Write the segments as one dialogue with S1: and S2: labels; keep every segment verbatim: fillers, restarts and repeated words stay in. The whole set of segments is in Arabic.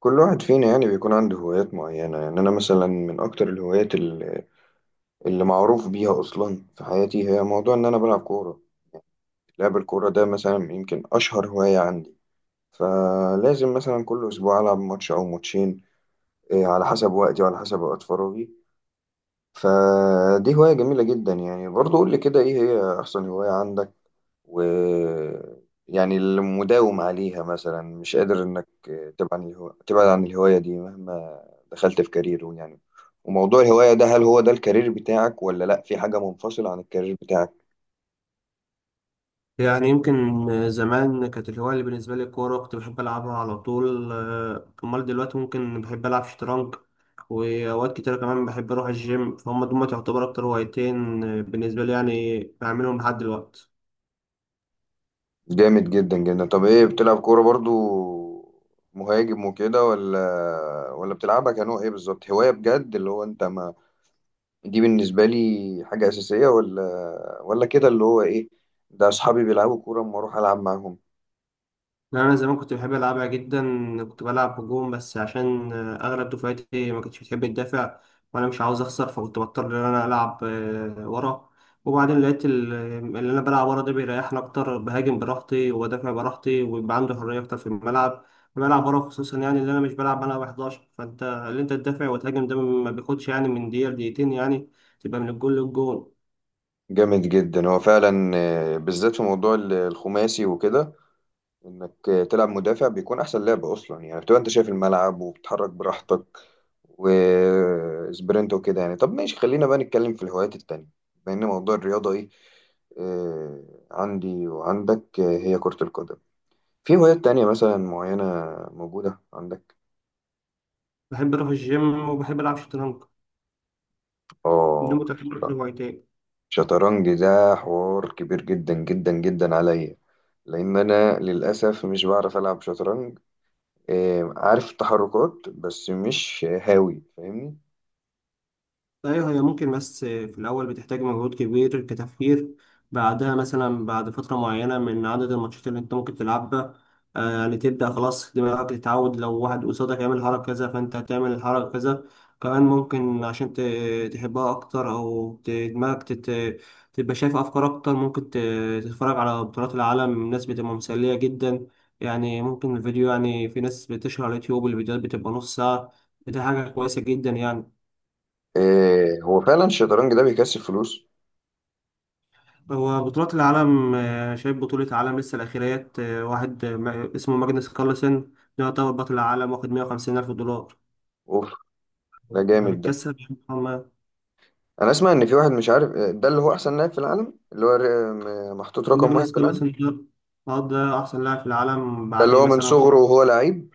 S1: كل واحد فينا يعني بيكون عنده هوايات معينة. يعني أنا مثلا من أكتر الهوايات ال- اللي معروف بيها أصلا في حياتي هي موضوع إن أنا بلعب كورة. لعب الكورة ده مثلا يمكن أشهر هواية عندي، فلازم مثلا كل أسبوع ألعب ماتش أو ماتشين، إيه، على حسب وقتي وعلى حسب وقت فراغي. فدي هواية جميلة جدا يعني، برضه قول لي كده إيه هي أحسن هواية عندك ويعني المداوم عليها، مثلا مش قادر انك تبعد عن الهو... تبعد عن الهواية دي مهما دخلت في كارير يعني. وموضوع الهواية ده هل هو ده الكارير بتاعك ولا لا، في حاجة منفصلة عن الكارير بتاعك؟
S2: يعني يمكن زمان كانت الهواية اللي بالنسبة لي الكورة، كنت بحب ألعبها على طول، آه، أمال دلوقتي ممكن بحب ألعب شطرنج، وأوقات كتيرة كمان بحب أروح الجيم. فهم دول تعتبر أكتر هوايتين آه، بالنسبة لي، يعني بعملهم لحد دلوقتي.
S1: جامد جدا جدا. طب ايه، بتلعب كورة برضو مهاجم وكده ولا ولا بتلعبها كنوع ايه بالظبط؟ هواية بجد اللي هو انت ما، دي بالنسبة لي حاجة أساسية ولا ولا كده اللي هو ايه؟ ده اصحابي بيلعبوا كورة اما اروح العب معاهم.
S2: لا، أنا زمان كنت بحب ألعبها جدا. كنت بلعب هجوم بس عشان آه، أغلب دفعتي ما كانتش بتحب تدافع، وأنا مش عاوز أخسر، فكنت بضطر إن أنا ألعب آه، ورا. وبعدين لقيت ال- اللي أنا بلعب ورا ده بيريحني أكتر، بهاجم براحتي وبدافع براحتي، ويبقى عندي حرية أكتر في الملعب. بلعب ورا خصوصا، يعني اللي أنا مش بلعب أنا حداشر، فأنت اللي أنت تدافع وتهاجم ده ما بياخدش يعني من دقيقة لدقيقتين، يعني تبقى من الجول للجول.
S1: جامد جدا. هو فعلا آه، بالذات في موضوع ال- الخماسي وكده، انك آه، تلعب مدافع بيكون احسن لعب اصلا. يعني بتبقى انت شايف الملعب وبتتحرك براحتك وسبرنت وكده يعني. طب ماشي، خلينا بقى نتكلم في الهوايات التانية. بما ان موضوع الرياضة ايه، آه، عندي وعندك آه، هي كرة القدم، في هوايات تانية مثلا معينة موجودة عندك؟
S2: بحب أروح الجيم وبحب ألعب شطرنج، دول
S1: اه.
S2: متعتبر هوايتين.
S1: شطرنج ده حوار كبير جدا جدا جدا عليا، لان انا للاسف مش بعرف العب شطرنج. آه، عارف التحركات بس مش هاوي، فاهمني؟
S2: ايوه، هي ممكن، بس في الاول بتحتاج مجهود كبير كتفكير. بعدها مثلا بعد فتره معينه من عدد الماتشات اللي انت ممكن تلعبها، آه، يعني تبدا خلاص دماغك تتعود، لو واحد قصادك يعمل حركه كذا فانت هتعمل الحركه كذا. كمان ممكن عشان ت- تحبها اكتر، او ت- دماغك تت- تبقى شايف افكار اكتر. ممكن ت- تتفرج على بطولات العالم، ناس بتبقى مسليه جدا. يعني ممكن الفيديو، يعني في ناس بتشهر على اليوتيوب الفيديوهات بتبقى نص ساعه. دي حاجه كويسه جدا يعني.
S1: آه، هو فعلا الشطرنج ده بيكسب فلوس.
S2: هو بطولات العالم، آه، شايف بطولة عالم لسه الأخيرات، آه، واحد، آه، ما- اسمه ماجنس كارلسن. ده يعتبر بطل العالم، واخد مئة وخمسين ألف دولار.
S1: اوف، ده جامد ده.
S2: فبيتكسب يعني هما-
S1: انا اسمع ان في واحد مش عارف آه، ده اللي هو احسن لاعب في العالم، اللي هو ر- م- محطوط رقم واحد
S2: ماجنس
S1: في العالم.
S2: كارلسن ده، آه، ده أحسن لاعب في العالم
S1: ده
S2: بعد
S1: اللي
S2: إيه
S1: هو من
S2: مثلا ف-
S1: صغره وهو لعيب.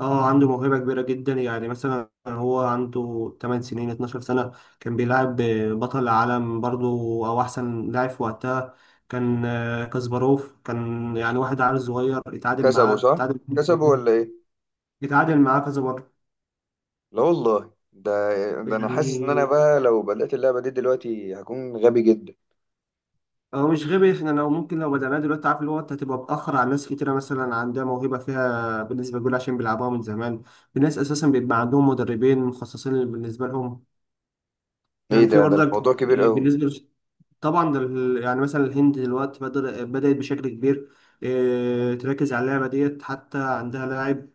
S2: اه، عنده موهبة كبيرة جدا، يعني مثلا هو عنده تمن سنين اتناشر سنة كان بيلعب آه، بطل العالم برضو، أو أحسن لاعب في وقتها، كان آه، كاسباروف. كان يعني واحد عيل صغير اتعادل
S1: كسبه
S2: معاه
S1: صح؟
S2: اتعادل
S1: كسبه ولا ايه؟
S2: اتعادل معاه كذا مرة.
S1: لا والله، ده ده انا حاسس ان انا
S2: يعني
S1: بقى لو بدأت اللعبة دي دلوقتي هكون غبي جدا.
S2: هو مش غبي، احنا لو ممكن لو بدأناه دلوقتي عارف اللي هو انت هتبقى متأخر على ناس كتيرة مثلا عندها موهبة فيها بالنسبة لجول، عشان بيلعبوها من زمان. في ناس أساسا بيبقى عندهم مدربين مخصصين بالنسبة لهم.
S1: ايه
S2: يعني في
S1: ده ده
S2: برضك.
S1: الموضوع كبير
S2: إيه،
S1: قوي.
S2: بالنسبة لش- طبعا ده ال- يعني مثلا الهند دلوقتي بدر- بدأت بشكل كبير. إيه، تركز على اللعبة ديت، حتى عندها لاعب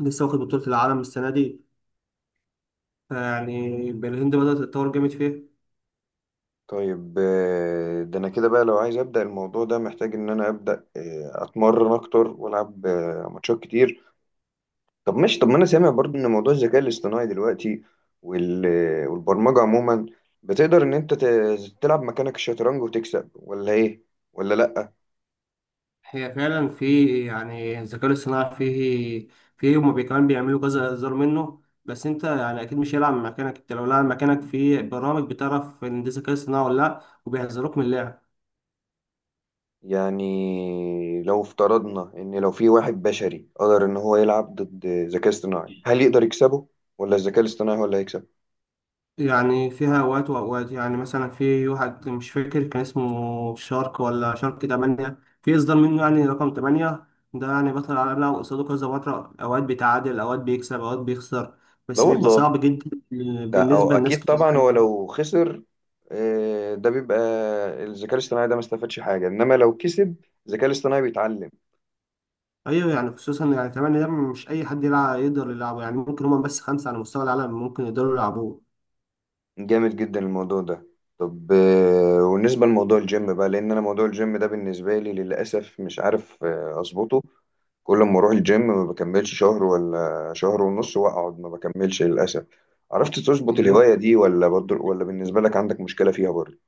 S2: لسه واخد بطولة العالم السنة دي. يعني الهند بدأت تتطور جامد فيها.
S1: طيب، آه، ده انا كده بقى لو عايز ابدا الموضوع ده، محتاج ان انا ابدا آه، اتمرن اكتر والعب آه، ماتشات كتير. طب ماشي، طب ما انا سامع برضو ان موضوع الذكاء الاصطناعي دلوقتي وال- آه، والبرمجه عموما، بتقدر ان انت ت- تلعب مكانك الشطرنج وتكسب ولا ايه ولا لا؟
S2: هي فعلا في، يعني الذكاء الاصطناعي فيه فيه. هما بي- كمان بيعملوا كذا هزار منه، بس انت يعني اكيد مش هيلعب مكانك. انت لو لعب مكانك في برامج بتعرف ان ده ذكاء اصطناعي ولا لا، وبيحذروك من اللعب.
S1: يعني لو افترضنا ان لو في واحد بشري قدر ان هو يلعب ضد ذكاء اصطناعي، هل يقدر يكسبه ولا الذكاء الاصطناعي هو اللي هيكسب؟
S2: يعني فيها اوقات واوقات، يعني مثلا في واحد مش فاكر كان اسمه شارك ولا شارك تمانية، في اصدار منه يعني رقم تمانية. ده يعني بطل العالم لعب قصاده كذا مرة، اوقات بيتعادل اوقات بيكسب اوقات بيخسر،
S1: لا
S2: بس بيبقى
S1: والله،
S2: صعب جدا
S1: ده أو
S2: بالنسبة لناس
S1: أكيد
S2: كتير
S1: طبعا. هو
S2: يعني.
S1: لو خسر آه، ده بيبقى الذكاء الاصطناعي ده ما استفادش حاجة، إنما لو كسب الذكاء الاصطناعي بيتعلم.
S2: ايوه، يعني خصوصا يعني كمان ده مش اي حد يلعب يقدر يلعبه، يعني ممكن هما بس خمسه على مستوى العالم ممكن يقدروا يلعبوه.
S1: جامد جدا الموضوع ده. طب آه، والنسبة لموضوع الجيم بقى، لأن أنا موضوع الجيم ده بالنسبة لي للأسف مش عارف آه، أظبطه. كل ما أروح الجيم ما بكملش شهر ولا شهر ونص وأقعد، ما بكملش للأسف. عرفت تظبط
S2: يعني
S1: الهواية دي ولا برضه ولا بالنسبة لك عندك مشكلة فيها برضه؟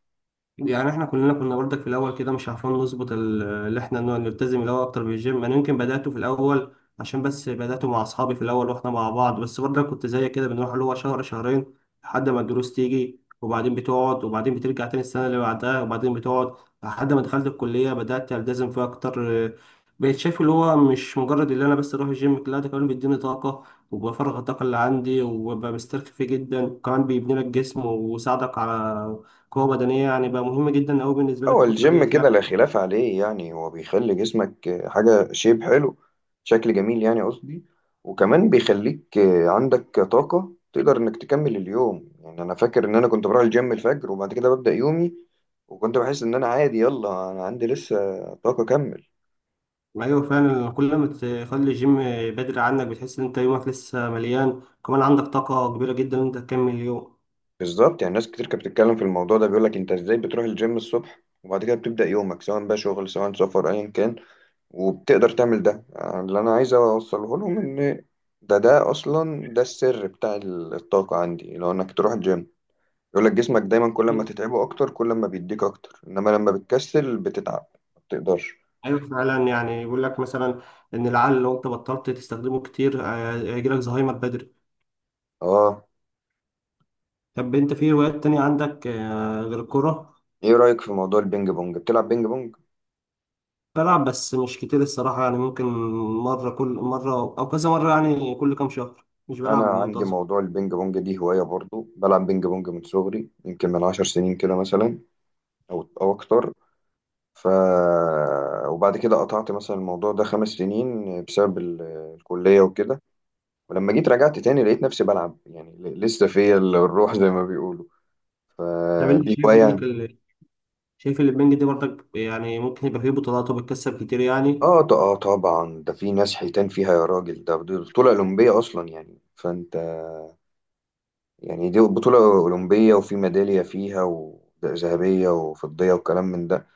S2: يعني احنا كلنا كنا برضك في الاول كده مش عارفين نظبط ال- اللي احنا نوع- نلتزم الاول اكتر بالجيم. انا يمكن بداته في الاول عشان بس بداته مع اصحابي في الاول واحنا مع بعض، بس برضك كنت زي كده بنروح اللي هو شهر شهرين، لحد ما الدروس تيجي وبعدين بتقعد، وبعدين بترجع تاني السنه اللي بعدها وبعدين بتقعد. لحد ما دخلت الكليه بدات التزم فيها اكتر. بقيت شايف اللي هو مش مجرد اللي انا بس اروح الجيم، لا ده كمان بيديني طاقه، وبفرغ الطاقه اللي عندي، وببقى مسترخي فيه جدا، وكمان بيبني لك جسم ويساعدك على قوة بدنية. يعني بقى مهم جدا أوي بالنسبة لي في
S1: هو
S2: الفترة
S1: الجيم
S2: ديت
S1: كده
S2: يعني.
S1: لا خلاف عليه يعني. هو بيخلي جسمك حاجة شيب حلو، شكل جميل يعني قصدي، وكمان بيخليك عندك طاقة تقدر إنك تكمل اليوم. يعني أنا فاكر إن أنا كنت بروح الجيم الفجر وبعد كده ببدأ يومي، وكنت بحس إن أنا عادي يلا، أنا عندي لسه طاقة أكمل.
S2: أيوة، فعلا كل ما تخلي الجيم بدري عنك بتحس إن أنت يومك لسه مليان، كمان عندك طاقة كبيرة جدا إن أنت تكمل اليوم.
S1: بالظبط، يعني ناس كتير كانت بتتكلم في الموضوع ده بيقولك أنت إزاي بتروح الجيم الصبح وبعد كده بتبدأ يومك سواء بقى شغل سواء سفر أيا كان، وبتقدر تعمل ده. آه، اللي انا عايز اوصله لهم ان ده ده اصلا ده السر بتاع ال- الطاقة عندي، لو انك تروح الجيم. يقول لك جسمك دايما كل ما تتعبه اكتر كل ما بيديك اكتر، انما لما بتكسل بتتعب، ما بتقدرش.
S2: أيوة، فعلا يعني بيقول لك مثلا إن العقل لو أنت بطلت تستخدمه كتير آه، هيجيلك زهايمر بدري.
S1: اه.
S2: طب أنت في هوايات تانية عندك آه، غير الكورة؟
S1: ايه رأيك في موضوع البينج بونج، بتلعب بينج بونج؟
S2: بلعب بس مش كتير الصراحة، يعني ممكن مرة كل مرة، أو كذا مرة يعني كل كام شهر، مش
S1: انا
S2: بلعب
S1: عندي
S2: منتظم.
S1: موضوع البينج بونج دي هواية برضو، بلعب بينج بونج من صغري، يمكن من عشر سنين كده مثلا او او اكتر. ف وبعد كده قطعت مثلا الموضوع ده خمس سنين بسبب ال- الكلية وكده، ولما جيت رجعت تاني لقيت نفسي بلعب يعني، ل- لسه فيا ال- الروح زي ما بيقولوا.
S2: طب أنت
S1: فدي
S2: شايف
S1: هواية.
S2: عندك شايف اللي البنج دي برضك يعني ممكن يبقى فيه بطولات وبتكسب كتير يعني؟
S1: اه، ط- اه طبعا، ده في ناس حيتان فيها يا راجل. ده دي بطولة أولمبية أصلا يعني، فأنت يعني، دي بطولة أولمبية وفي ميدالية فيها، وذهبية وفضية وكلام من ده.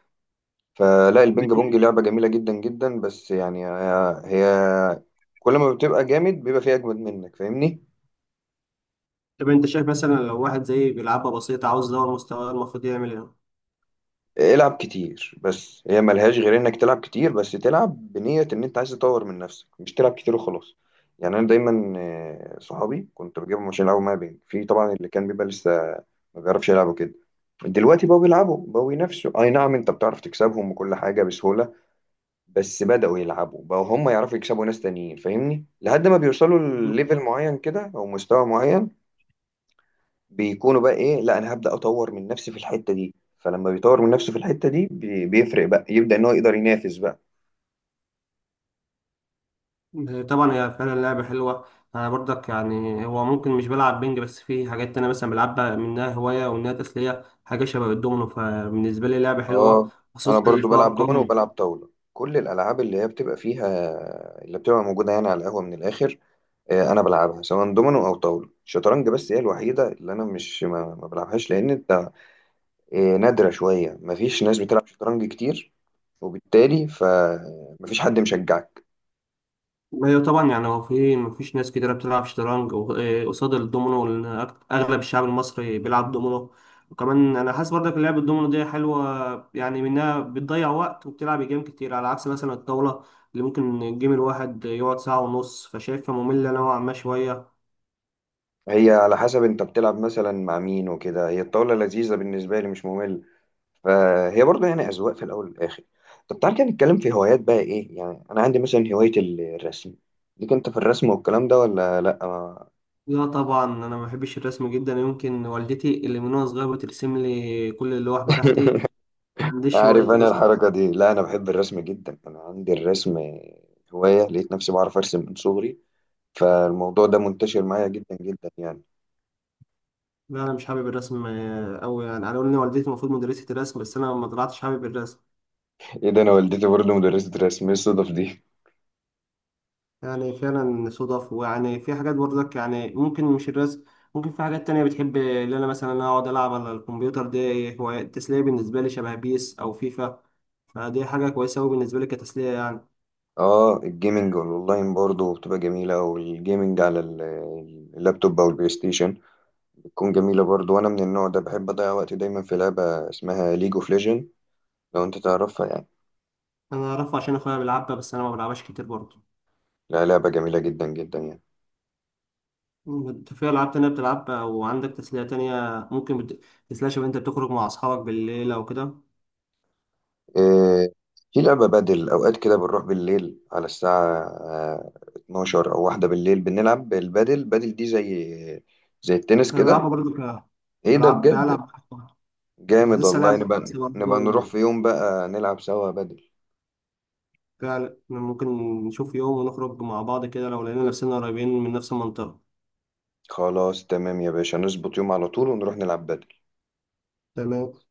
S1: فلا،
S2: طب
S1: البينج
S2: انت
S1: بونج لعبة جميلة جدا جدا، بس يعني هي هي كل ما بتبقى جامد بيبقى فيها أجمد منك، فاهمني؟
S2: طب انت شايف مثلا لو واحد زي بيلعبها بسيطة عاوز يدور مستواه المفروض يعمل
S1: العب كتير، بس هي ملهاش غير انك تلعب كتير، بس تلعب بنية ان انت عايز تطور من نفسك، مش تلعب كتير وخلاص. يعني انا دايما آه، صحابي كنت بجيبهم عشان يلعبوا معايا بينج، في طبعا اللي كان بيبقى لسه ما بيعرفش يلعبوا كده، دلوقتي بقوا بيلعبوا، بقوا ينافسوا. اي نعم، انت بتعرف تكسبهم وكل حاجة بسهولة، بس بدأوا يلعبوا بقوا هم يعرفوا يكسبوا ناس تانيين، فاهمني، لحد ما بيوصلوا لليفل معين كده او مستوى معين، بيكونوا بقى ايه، لا انا هبدأ اطور من نفسي في الحتة دي. فلما بيطور من نفسه في الحتة دي، بي- بيفرق بقى، يبدأ ان هو يقدر ينافس بقى.
S2: ايه؟ طبعا هي فعلا لعبة حلوة. انا برضك، يعني هو ممكن مش بلعب بنج، بس في حاجات انا مثلا بلعبها، منها هواية ومنها تسلية، حاجة شبه الدومينو فبالنسبة لي لعبة
S1: اه.
S2: حلوة،
S1: انا
S2: خصوصا
S1: برضو
S2: في
S1: بلعب دومينو
S2: ارقام.
S1: وبلعب طاولة، كل الالعاب اللي هي بتبقى فيها، اللي بتبقى موجودة يعني على القهوة من الاخر. آه، انا بلعبها سواء دومينو او طاولة. الشطرنج بس هي الوحيدة اللي انا مش ما, ما بلعبهاش، لان انت آه، نادرة شوية، مفيش ناس بتلعب شطرنج كتير، وبالتالي فمفيش حد مشجعك.
S2: ايوه طبعا، يعني هو في مفيش ناس كتيرة بتلعب شطرنج و- إيه قصاد الدومينو، لأن أك- اغلب الشعب المصري بيلعب دومينو. وكمان انا حاسس برضك لعب الدومينو دي حلوة، يعني منها بتضيع وقت وبتلعب جيم كتير، على عكس مثلا الطاولة اللي ممكن الجيم الواحد يقعد ساعة ونص، فشايفها مملة نوعا ما شوية.
S1: هي على حسب انت بتلعب مثلا مع مين وكده، هي الطاولة لذيذة بالنسبة لي، مش ممل. فهي برضو يعني أذواق في الأول والآخر. طب تعال كده نتكلم في هوايات بقى إيه. يعني أنا عندي مثلا هواية ال- الرسم، ليك أنت في الرسم والكلام ده ولا لأ ما-؟
S2: لا طبعا، انا ما بحبش الرسم جدا، يمكن والدتي اللي من وانا صغير بترسم لي كل اللوح بتاعتي. ما عنديش هواية
S1: عارف، أنا
S2: الرسم.
S1: الحركة دي لا، أنا بحب الرسم جدا. أنا عندي الرسم هواية، لقيت نفسي بعرف أرسم من صغري، فالموضوع ده منتشر معايا جدا جدا يعني.
S2: لا انا مش حابب الرسم قوي، يعني انا قالوا لي إن والدتي المفروض مدرسة الرسم، بس انا ما طلعتش حابب الرسم.
S1: إيه ده، أنا والدتي برضو مدرسة رسم، إيه الصدف دي؟
S2: يعني فعلا صدف، ويعني في حاجات برضك يعني ممكن مش الرسم، ممكن في حاجات تانية بتحب، اللي انا مثلا أنا اقعد العب على الكمبيوتر، دي هو التسلية بالنسبة لي شبه بيس او فيفا. فدي حاجة كويسة قوي بالنسبة لي كتسلية يعني.
S1: اه، الجيمنج والاونلاين برضه بتبقى جميلة. والجيمنج على ال- اللابتوب او البلاي ستيشن بتكون جميلة برضه، وانا من النوع ده، بحب اضيع وقتي دايما في لعبة اسمها ليج اوف ليجند، لو انت تعرفها يعني.
S2: انا اعرفها عشان اخويا بيلعبها، بس انا ما بلعبهاش كتير برضه.
S1: لا، لعبة جميلة جدا جدا يعني.
S2: انت في العاب تانية بتلعبها وعندك تسلية تانية؟ ممكن بت... تسلية شبه انت بتخرج مع اصحابك بالليل او كده؟
S1: إيه، في لعبة بدل، اوقات كده بنروح بالليل على الساعة آه، اتناشر او واحدة بالليل، بنلعب البدل. بدل دي زي زي التنس
S2: انا
S1: كده.
S2: بلعبها برضه ك-
S1: ايه ده،
S2: بلعب
S1: بجد؟
S2: بلعب
S1: جامد
S2: عايزين
S1: والله.
S2: سلام
S1: نبقى نبقى نروح
S2: برضه،
S1: في يوم بقى نلعب سوا بدل.
S2: فعلا ممكن نشوف يوم ونخرج مع بعض كده، لو لقينا نفسنا قريبين من نفس المنطقة.
S1: خلاص تمام يا باشا، نظبط يوم على طول ونروح نلعب بدل.
S2: تمام.